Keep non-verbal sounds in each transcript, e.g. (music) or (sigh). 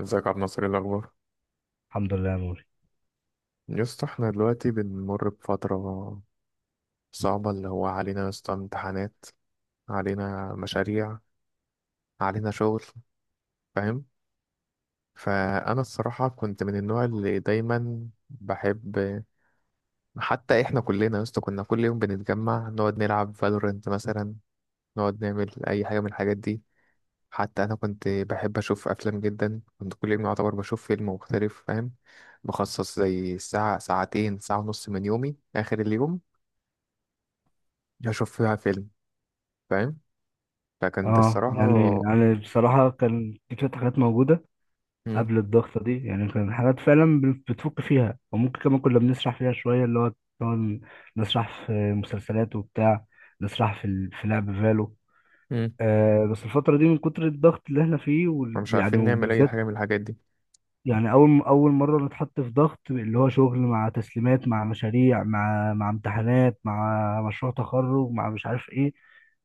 ازيك يا عبد الناصر؟ ايه الاخبار؟ الحمد لله يا موري. يا اسطى احنا دلوقتي بنمر بفتره صعبه، اللي هو علينا يا اسطى امتحانات، علينا مشاريع، علينا شغل، فاهم؟ فانا الصراحه كنت من النوع اللي دايما بحب. حتى احنا كلنا يا اسطى كنا كل يوم بنتجمع نقعد نلعب فالورنت مثلا، نقعد نعمل اي حاجه من الحاجات دي. حتى انا كنت بحب اشوف افلام جدا، كنت كل يوم يعتبر بشوف فيلم مختلف، فاهم؟ بخصص زي ساعه ساعتين ساعه ونص من يومي، اخر اليوم اشوف فيها فيلم، فاهم؟ لكن دي اه الصراحة. يعني يعني بصراحة كان في شوية حاجات موجودة مم. قبل الضغطة دي. يعني كان حاجات فعلا بتفك فيها، وممكن كمان كنا بنسرح فيها شوية، اللي هو كنا نسرح في مسلسلات وبتاع، نسرح في لعب فالو. مم. آه، بس الفترة دي من كتر الضغط اللي احنا فيه، مش ويعني عارفين نعمل اي وبالذات حاجة من الحاجات دي. يعني اول مره نتحط في ضغط، اللي هو شغل مع تسليمات مع مشاريع مع امتحانات مع مشروع تخرج مع مش عارف ايه.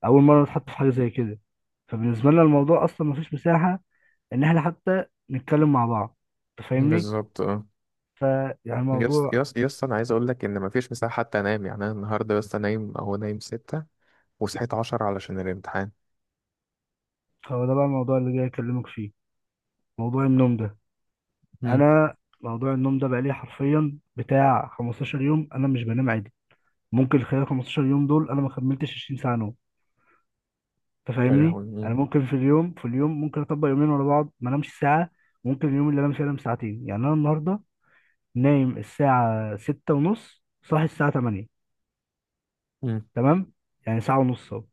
اول مره نتحط في حاجه زي كده. فبالنسبه لنا الموضوع اصلا مفيش مساحه ان احنا حتى نتكلم مع بعض، انت فاهمني؟ بالظبط اه. فيعني يس الموضوع، يس يس انا عايز اقول لك ان مفيش مساحة حتى انام، يعني انا النهارده بس نايم اهو، نايم 6 وصحيت 10 علشان الامتحان. هو ده بقى الموضوع اللي جاي اكلمك فيه، موضوع النوم ده. مم. انا موضوع النوم ده بقى لي حرفيا بتاع 15 يوم انا مش بنام عادي. ممكن خلال 15 يوم دول انا ما كملتش 20 ساعه نوم. لا تفهمني، لهوي. مم. انا ممكن في اليوم ممكن اطبق يومين ورا بعض ما انامش ساعه. ممكن اليوم اللي انام فيه انام ساعتين. يعني انا النهارده نايم الساعه ستة ونص، صاحي الساعه 8. مم. تمام؟ يعني ساعه ونص اهو،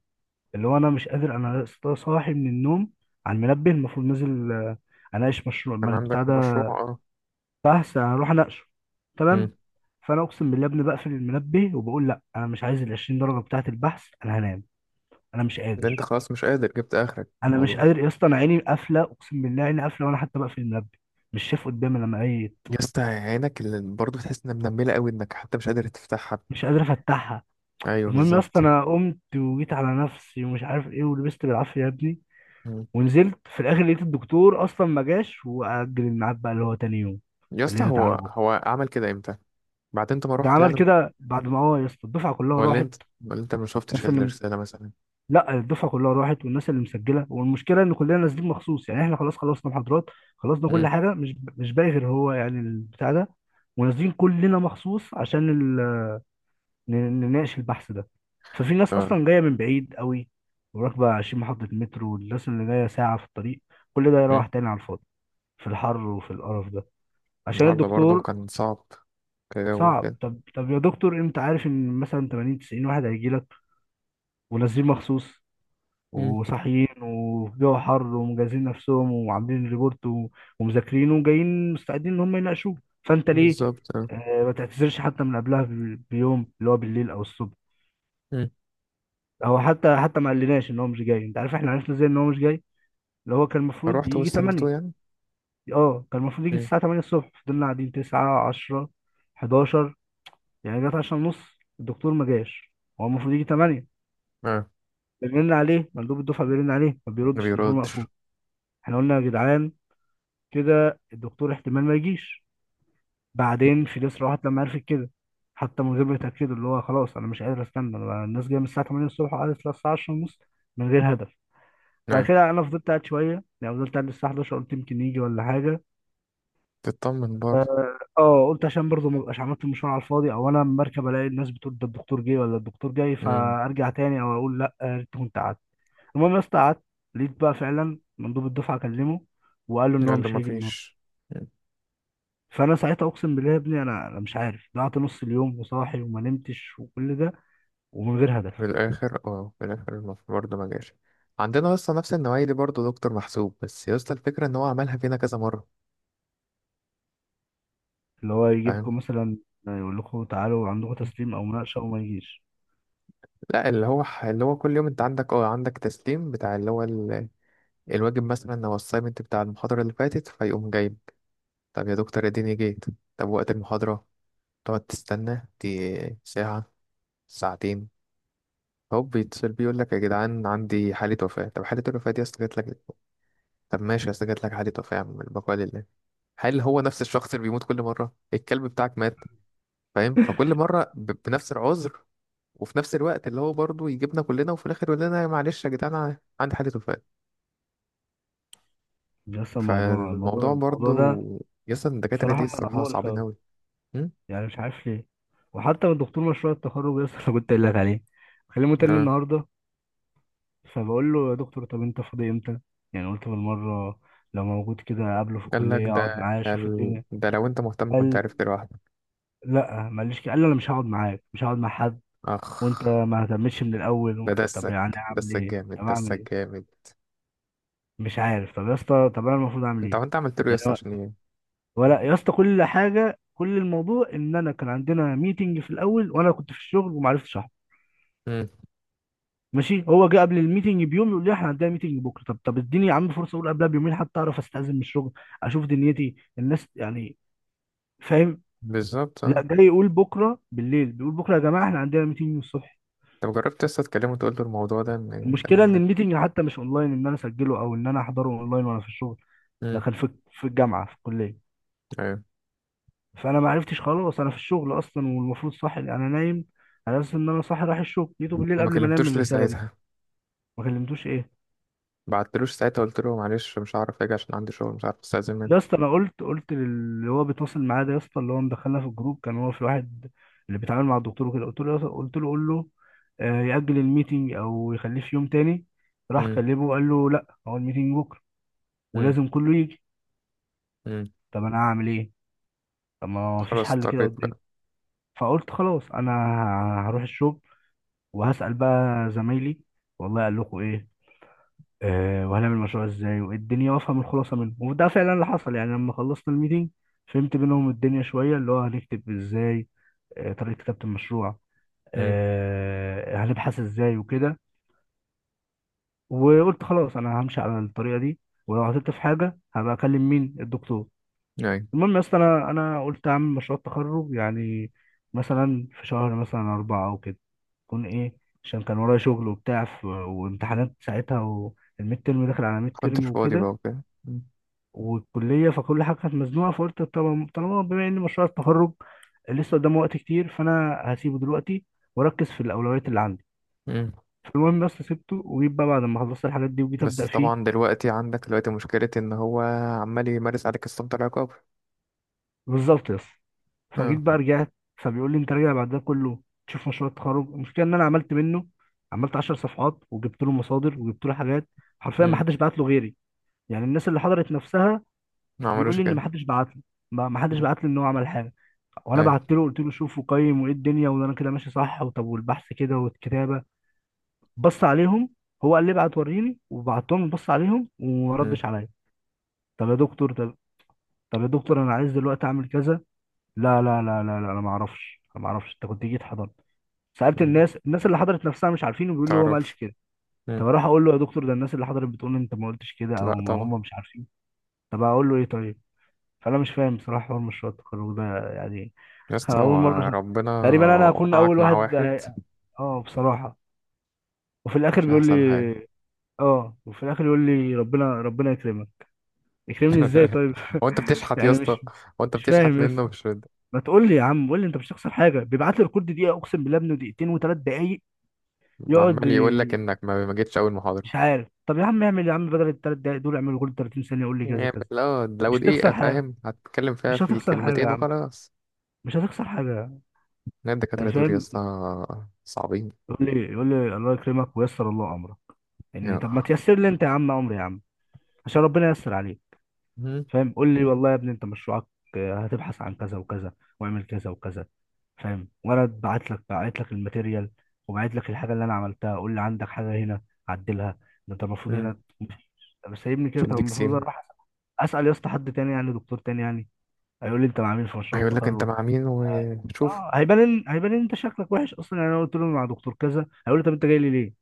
اللي هو انا مش قادر. انا لسه صاحي من النوم على المنبه، المفروض نازل آه، اناقش مشروع كان ما عندك بتاع مشروع ده، اه. بحث هروح اناقشه. مم. تمام. فانا اقسم بالله يا ابني بقفل المنبه وبقول لا، انا مش عايز ال 20 درجه بتاعه البحث، انا هنام. انا مش ده انت قادر. خلاص مش قادر، جبت اخرك في انا مش الموضوع. قادر يا اسطى. انا عيني قافله، اقسم بالله عيني قافله، وانا حتى بقفل المنبه مش شايف قدامي لما عيت. يا اسطى عينك اللي برضه تحس انها منمله قوي، انك حتى مش قادر تفتحها. مش قادر افتحها. ايوه المهم يا اسطى بالظبط. انا قمت وجيت على نفسي ومش عارف ايه، ولبست بالعافيه يا ابني، مم. ونزلت في الاخر لقيت الدكتور اصلا ما جاش، واجل الميعاد بقى اللي هو تاني يوم، يا اسطى اللي هي هو تعالوا بكره. هو عمل كده امتى؟ بعد انت ما ده رحت عمل يعني؟ كده بعد ما، اه يا اسطى، الدفعه كلها ولا راحت. انت ولا انت ما انا شفتش سلمت. الرسالة مثلا؟ لا الدفعه كلها راحت، والناس اللي مسجله، والمشكله ان كلنا نازلين مخصوص. يعني احنا خلاص خلصنا محاضرات، خلصنا كل مم. حاجه، مش باقي غير هو يعني البتاع ده. ونازلين كلنا مخصوص عشان ال... ن- نناقش البحث ده. ففي ناس آه. اصلا جايه من بعيد قوي، وراكبه 20 محطه مترو، والناس اللي جايه ساعه في الطريق. كل ده مم. يروح تاني على الفاضي، في الحر وفي القرف ده، عشان النهاردة برضه الدكتور. كان صعب، كجو صعب. كده. طب يا دكتور، انت عارف ان مثلا 80 90 واحد هيجي لك، ونازلين مخصوص مم. وصاحيين وفي جو حر، ومجهزين نفسهم وعاملين ريبورت ومذاكرينه، وجايين مستعدين ان هم يناقشوه. فانت ليه بالظبط اه. آه، ما تعتذرش حتى من قبلها بيوم، اللي هو بالليل او الصبح؟ مم. هو حتى ما قالناش ان هو مش جاي. انت عارف احنا عرفنا ازاي ان هو مش جاي؟ اللي هو كان المفروض فروحت يجي 8. واستنيته يعني. اه كان المفروض يجي مم. الساعه 8 الصبح. فضلنا قاعدين 9 10 11. يعني جت 10 ونص، الدكتور ما جاش. هو المفروض يجي 8. اه. بنرن عليه، مندوب الدفعه بيرن عليه، ما ما بيردش، تليفون بيردش. مقفول. احنا قلنا يا جدعان كده الدكتور احتمال ما يجيش. مم. بعدين فيليس راحت لما عرفت كده، حتى من غير ما يتأكدوا، اللي هو خلاص انا مش قادر استنى. الناس جايه من الساعه 8 الصبح، وقعدت للساعه 10 ونص من غير هدف. بعد ايوه. كده انا فضلت قاعد شويه، يعني فضلت قاعد للساعه 11، قلت يمكن يجي ولا حاجه. تطمن برضه. اه آه، قلت عشان برضه ما ابقاش عملت المشوار على الفاضي، او انا لما اركب الاقي الناس بتقول ده الدكتور جه ولا الدكتور جاي مم. فارجع تاني، او اقول لا آه، يا ريت كنت قعدت. المهم يا اسطى قعدت، لقيت بقى فعلا مندوب الدفعه كلمه، وقال له ان هو قال له مش ما هيجي النهارده. فيش. فانا ساعتها اقسم بالله يا ابني، انا مش عارف، ضيعت نص اليوم وصاحي وما نمتش وكل ده، ومن غير في هدف. الآخر اه في الآخر برضه ما جاش. عندنا اصلا نفس النوعية دي، برضه دكتور محسوب، بس يا اسطى الفكرة ان هو عملها فينا كذا مرة. اللي هو فاهم؟ يجيبكم مثلا، يقول لكم تعالوا عندكم مم. تسليم او مناقشه وما يجيش. لا، اللي هو كل يوم انت عندك اه، عندك تسليم بتاع اللي هو الواجب مثلا، لو السايمنت بتاع المحاضرة اللي فاتت فيقوم جايب. طب يا دكتور اديني جيت. طب وقت المحاضرة تقعد تستنى، دي ساعة، ساعتين، هوب بيتصل بيه يقول لك يا جدعان عندي حالة وفاة. طب حالة الوفاة دي أصل جات لك؟ طب ماشي، أصل جات لك حالة وفاة، يا عم البقاء لله. هل هو نفس الشخص اللي بيموت كل مرة؟ الكلب بتاعك مات؟ فاهم؟ فكل مرة بنفس العذر، وفي نفس الوقت اللي هو برضه يجيبنا كلنا، وفي الآخر يقول لنا معلش يا جدعان عندي حالة وفاة. بس الموضوع الموضوع فالموضوع الموضوع برضه، ده يسطا الدكاترة دي بصراحه الصراحة مقرف صعبين أوي. أوي. مم؟ يعني مش عارف ليه. وحتى من دكتور مشروع التخرج لسه (laughs) انا كنت قايل لك عليه بكلمه تاني اه. النهارده. فبقول له يا دكتور، طب انت فاضي امتى؟ يعني قلت بالمره لو موجود كده قابله في الكليه اقعد معاه اشوف قال الدنيا. ده لو انت مهتم كنت قال عرفت لوحدك. لا، ما قاليش كده. قال لي انا مش هقعد معاك، مش هقعد مع حد، اخ. وانت ما اهتمتش من الاول ده طب دسك. يعني اعمل دسك ايه؟ طب جامد اعمل ايه؟ دسك جامد. مش عارف. طب يا اسطى، طب انا المفروض اعمل انت ايه؟ هو انت عملت له يعني يس عشان ايه؟ ولا يا اسطى كل حاجه، كل الموضوع ان انا كان عندنا ميتنج في الاول وانا كنت في الشغل وما عرفتش احضر. مم. ماشي، هو جه قبل الميتنج بيوم يقول لي احنا عندنا ميتنج بكره. طب اديني يا عم فرصه، اقول قبلها بيومين حتى اعرف استاذن من الشغل، اشوف دنيتي الناس يعني، فاهم؟ بالظبط لا اه. جاي يقول بكره بالليل، بيقول بكره يا جماعه احنا عندنا ميتنج الصبح. طب جربت لسه تكلمه وتقول له الموضوع ده، ان المشكله الكلام ان ده؟ الميتنج حتى مش اونلاين ان انا اسجله او ان انا احضره اونلاين وانا في الشغل. ده مم. كان في الجامعه في الكليه. ايوه. فانا ما عرفتش، خلاص انا في الشغل اصلا، والمفروض صاحي انا نايم، على اساس ان انا صاحي رايح الشغل. جيته بالليل ما قبل ما انام كلمتوش ليه الرساله دي. ساعتها؟ ما كلمتوش ايه؟ بعتلوش ساعتها قلت له معلش مش هعرف اجي عشان عندي شغل، مش عارف استاذن يا منه؟ اسطى انا قلت للي هو بيتواصل معايا ده يا اسطى، اللي هو مدخلنا في الجروب كان هو في واحد اللي بيتعامل مع الدكتور وكده. قلت له يا قلت له قول له آه، يأجل الميتنج او يخليه في يوم تاني. راح مم. كلمه، قال له لا هو الميتنج بكره مم. ولازم كله يجي. مم. طب انا هعمل ايه؟ طب ما فيش خلاص حل كده اضطريت قدامي. بقى. فقلت خلاص، انا هروح الشغل وهسأل بقى زمايلي والله قال لكم ايه. آه وهنعمل المشروع ازاي وايه الدنيا، وافهم الخلاصه منه، وده فعلا اللي حصل. يعني لما خلصنا الميتنج فهمت منهم الدنيا شويه، اللي هو هنكتب ازاي، آه طريقه كتابه المشروع، مم. آه هنبحث ازاي وكده. وقلت خلاص انا همشي على الطريقه دي، ولو عطلت في حاجه هبقى اكلم مين الدكتور. ايوه. المهم يا اسطى انا قلت اعمل مشروع التخرج يعني مثلا في شهر مثلا اربعه او كده يكون ايه، عشان كان ورايا شغل وبتاع وامتحانات ساعتها، والميد ترم داخل على ميد ترم كنتش فاضي بقى وكده، وكده. مم. والكليه، فكل حاجه كانت مزنوقه. فقلت طبعا طالما بما ان مشروع التخرج لسه قدامه وقت كتير، فانا هسيبه دلوقتي واركز في الاولويات اللي عندي. مم. فالمهم بس سبته، وجيت بقى بعد ما خلصت الحاجات دي وجيت ابدا بس فيه. طبعا دلوقتي عندك دلوقتي مشكلة إن هو عمال يمارس عليك السلطة العقاب. بالظبط بس. فجيت اه. بقى رجعت، فبيقول لي انت راجع بعد ده كله تشوف مشروع التخرج؟ المشكله ان انا عملت منه، عملت 10 صفحات وجبت له مصادر وجبت له حاجات. حرفيا ما مم. حدش بعت له غيري، يعني الناس اللي حضرت نفسها ما بيقول عملوش لي ان ما كده. حدش بعت له. ما حدش مم. بعت لي ان هو عمل حاجه. وانا أي. بعت له، قلت له شوف وقيم وايه الدنيا، وانا كده ماشي صح، وطب والبحث كده والكتابه، بص عليهم. هو قال لي ابعت وريني، وبعتهم بص عليهم وما مم. ردش عليا. طب يا دكتور، طب، طب يا دكتور انا عايز دلوقتي اعمل كذا. لا لا لا لا لا، انا ما اعرفش، انا ما اعرفش انت كنت جيت حضرت. سألت مم. الناس، الناس اللي حضرت نفسها مش عارفين، وبيقولوا هو ما قالش تعرفش. كده. مم. طب اروح اقول له يا دكتور ده الناس اللي حضرت بتقول انت ما قلتش كده، او لا ما طبعا. هم مش عارفين. طب اقول له ايه طيب؟ فانا مش فاهم بصراحه حوار مشروع التخرج ده يعني. يا (laughs) اسطى اول مره هو ربنا تقريبا انا هكون وقعك اول مع واحد واحد. اه بصراحه. وفي الاخر مش بيقول لي، أحسن حاجة؟ اه وفي الاخر يقول لي ربنا ربنا يكرمك. يكرمني ازاي (laughs) طيب؟ هو أنت (laughs) بتشحت يا يعني اسطى؟ مش هو أنت مش بتشحت فاهم يا منه؟ اسطى. مش رد. ما تقول لي يا عم، قول لي انت مش هتخسر حاجه، بيبعت لي الكود دقيقه اقسم بالله ابنه دقيقتين وثلاث دقايق يقعد. عمال يقول لك إنك ما جيتش أول محاضرة. مش عارف. طب يا عم اعمل يا عم بدل الثلاث دقايق دول اعمل جول 30 ثانية، قول لي كذا يعني كذا. لو مش هتخسر دقيقة حاجة، فاهم هتتكلم فيها مش في هتخسر حاجة يا الكلمتين عم، وخلاص. مش هتخسر حاجة. لا الدكاترة يعني دول يا فاهم. اسطى صعبين. يقول لي الله يكرمك ويسر الله امرك. يعني طب ما تيسر لي انت يا عم امري يا عم، عشان ربنا ييسر عليك. يا. فاهم؟ قول لي والله يا ابني انت مشروعك آه، هتبحث عن كذا وكذا، واعمل كذا وكذا، فاهم؟ وانا بعت لك الماتيريال، وبعت لك الحاجه اللي انا عملتها، قول لي عندك حاجه هنا، عدلها. ده انت المفروض مم. هنا. طب سايبني مش كده؟ طب هيديك المفروض سيم. اروح اسال يا اسطى حد تاني، يعني دكتور تاني، يعني هيقول لي انت ما عامل في مشروع هيقول لك انت التخرج؟ مع مين اه وشوف. آه، هيبان. هيبان ان انت شكلك وحش اصلا. يعني انا قلت له مع دكتور كذا، هيقول لي طب انت جاي لي ليه؟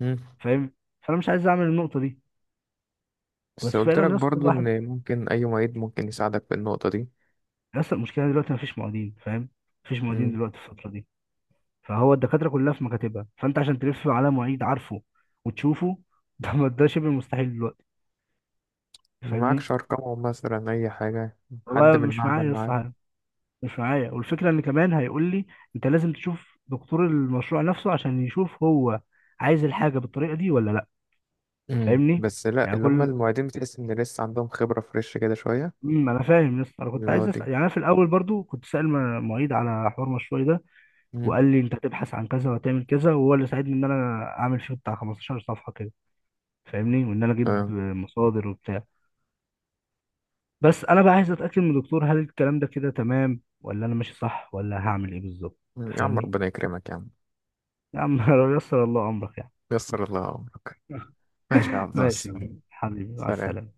مم. فاهم؟ فانا مش عايز اعمل النقطه دي. بس بس قلت فعلا لك يا اسطى برضو الواحد، ان ممكن اي معيد ممكن يساعدك في النقطة دي. يا اسطى المشكله دلوقتي ما فيش معيدين، فاهم؟ مفيش معيدين مم. دلوقتي في الفتره دي. فهو الدكاترة كلها في مكاتبها، فأنت عشان تلف على معيد عارفه وتشوفه ده (laughs) ده شبه مستحيل دلوقتي. فاهمني؟ معكش ارقامهم مثلا اي حاجة؟ حد والله من مش المعمل معايا لسه معاك؟ حاجة، مش معايا. والفكرة إن كمان هيقول لي أنت لازم تشوف دكتور المشروع نفسه عشان يشوف هو عايز الحاجة بالطريقة دي ولا لأ. مم. فاهمني؟ بس لا، يعني اللي هم كل المعيدين بتحس ان لسه عندهم خبرة فريش كده شوية. انا فاهم يا اسطى. انا كنت اللي هو عايز اسال، دي. يعني انا في الاول برضو كنت سائل معيد على حوار مشروعي ده. مم. وقال لي انت هتبحث عن كذا وهتعمل كذا، وهو اللي ساعدني ان انا اعمل فيه بتاع 15 صفحه كده. فاهمني؟ وان انا اجيب آه. مصادر وبتاع. بس انا بقى عايز اتاكد من الدكتور، هل الكلام ده كده تمام ولا انا ماشي صح ولا هعمل ايه بالظبط؟ يا عم فاهمني؟ ربنا يكرمك يا عم. يا عم (laughs) لو يسر الله امرك يعني. يسر الله امرك. (laughs) ماشي يا عبد الله. ماشي يا عم. حبيبي مع سلام. السلامه.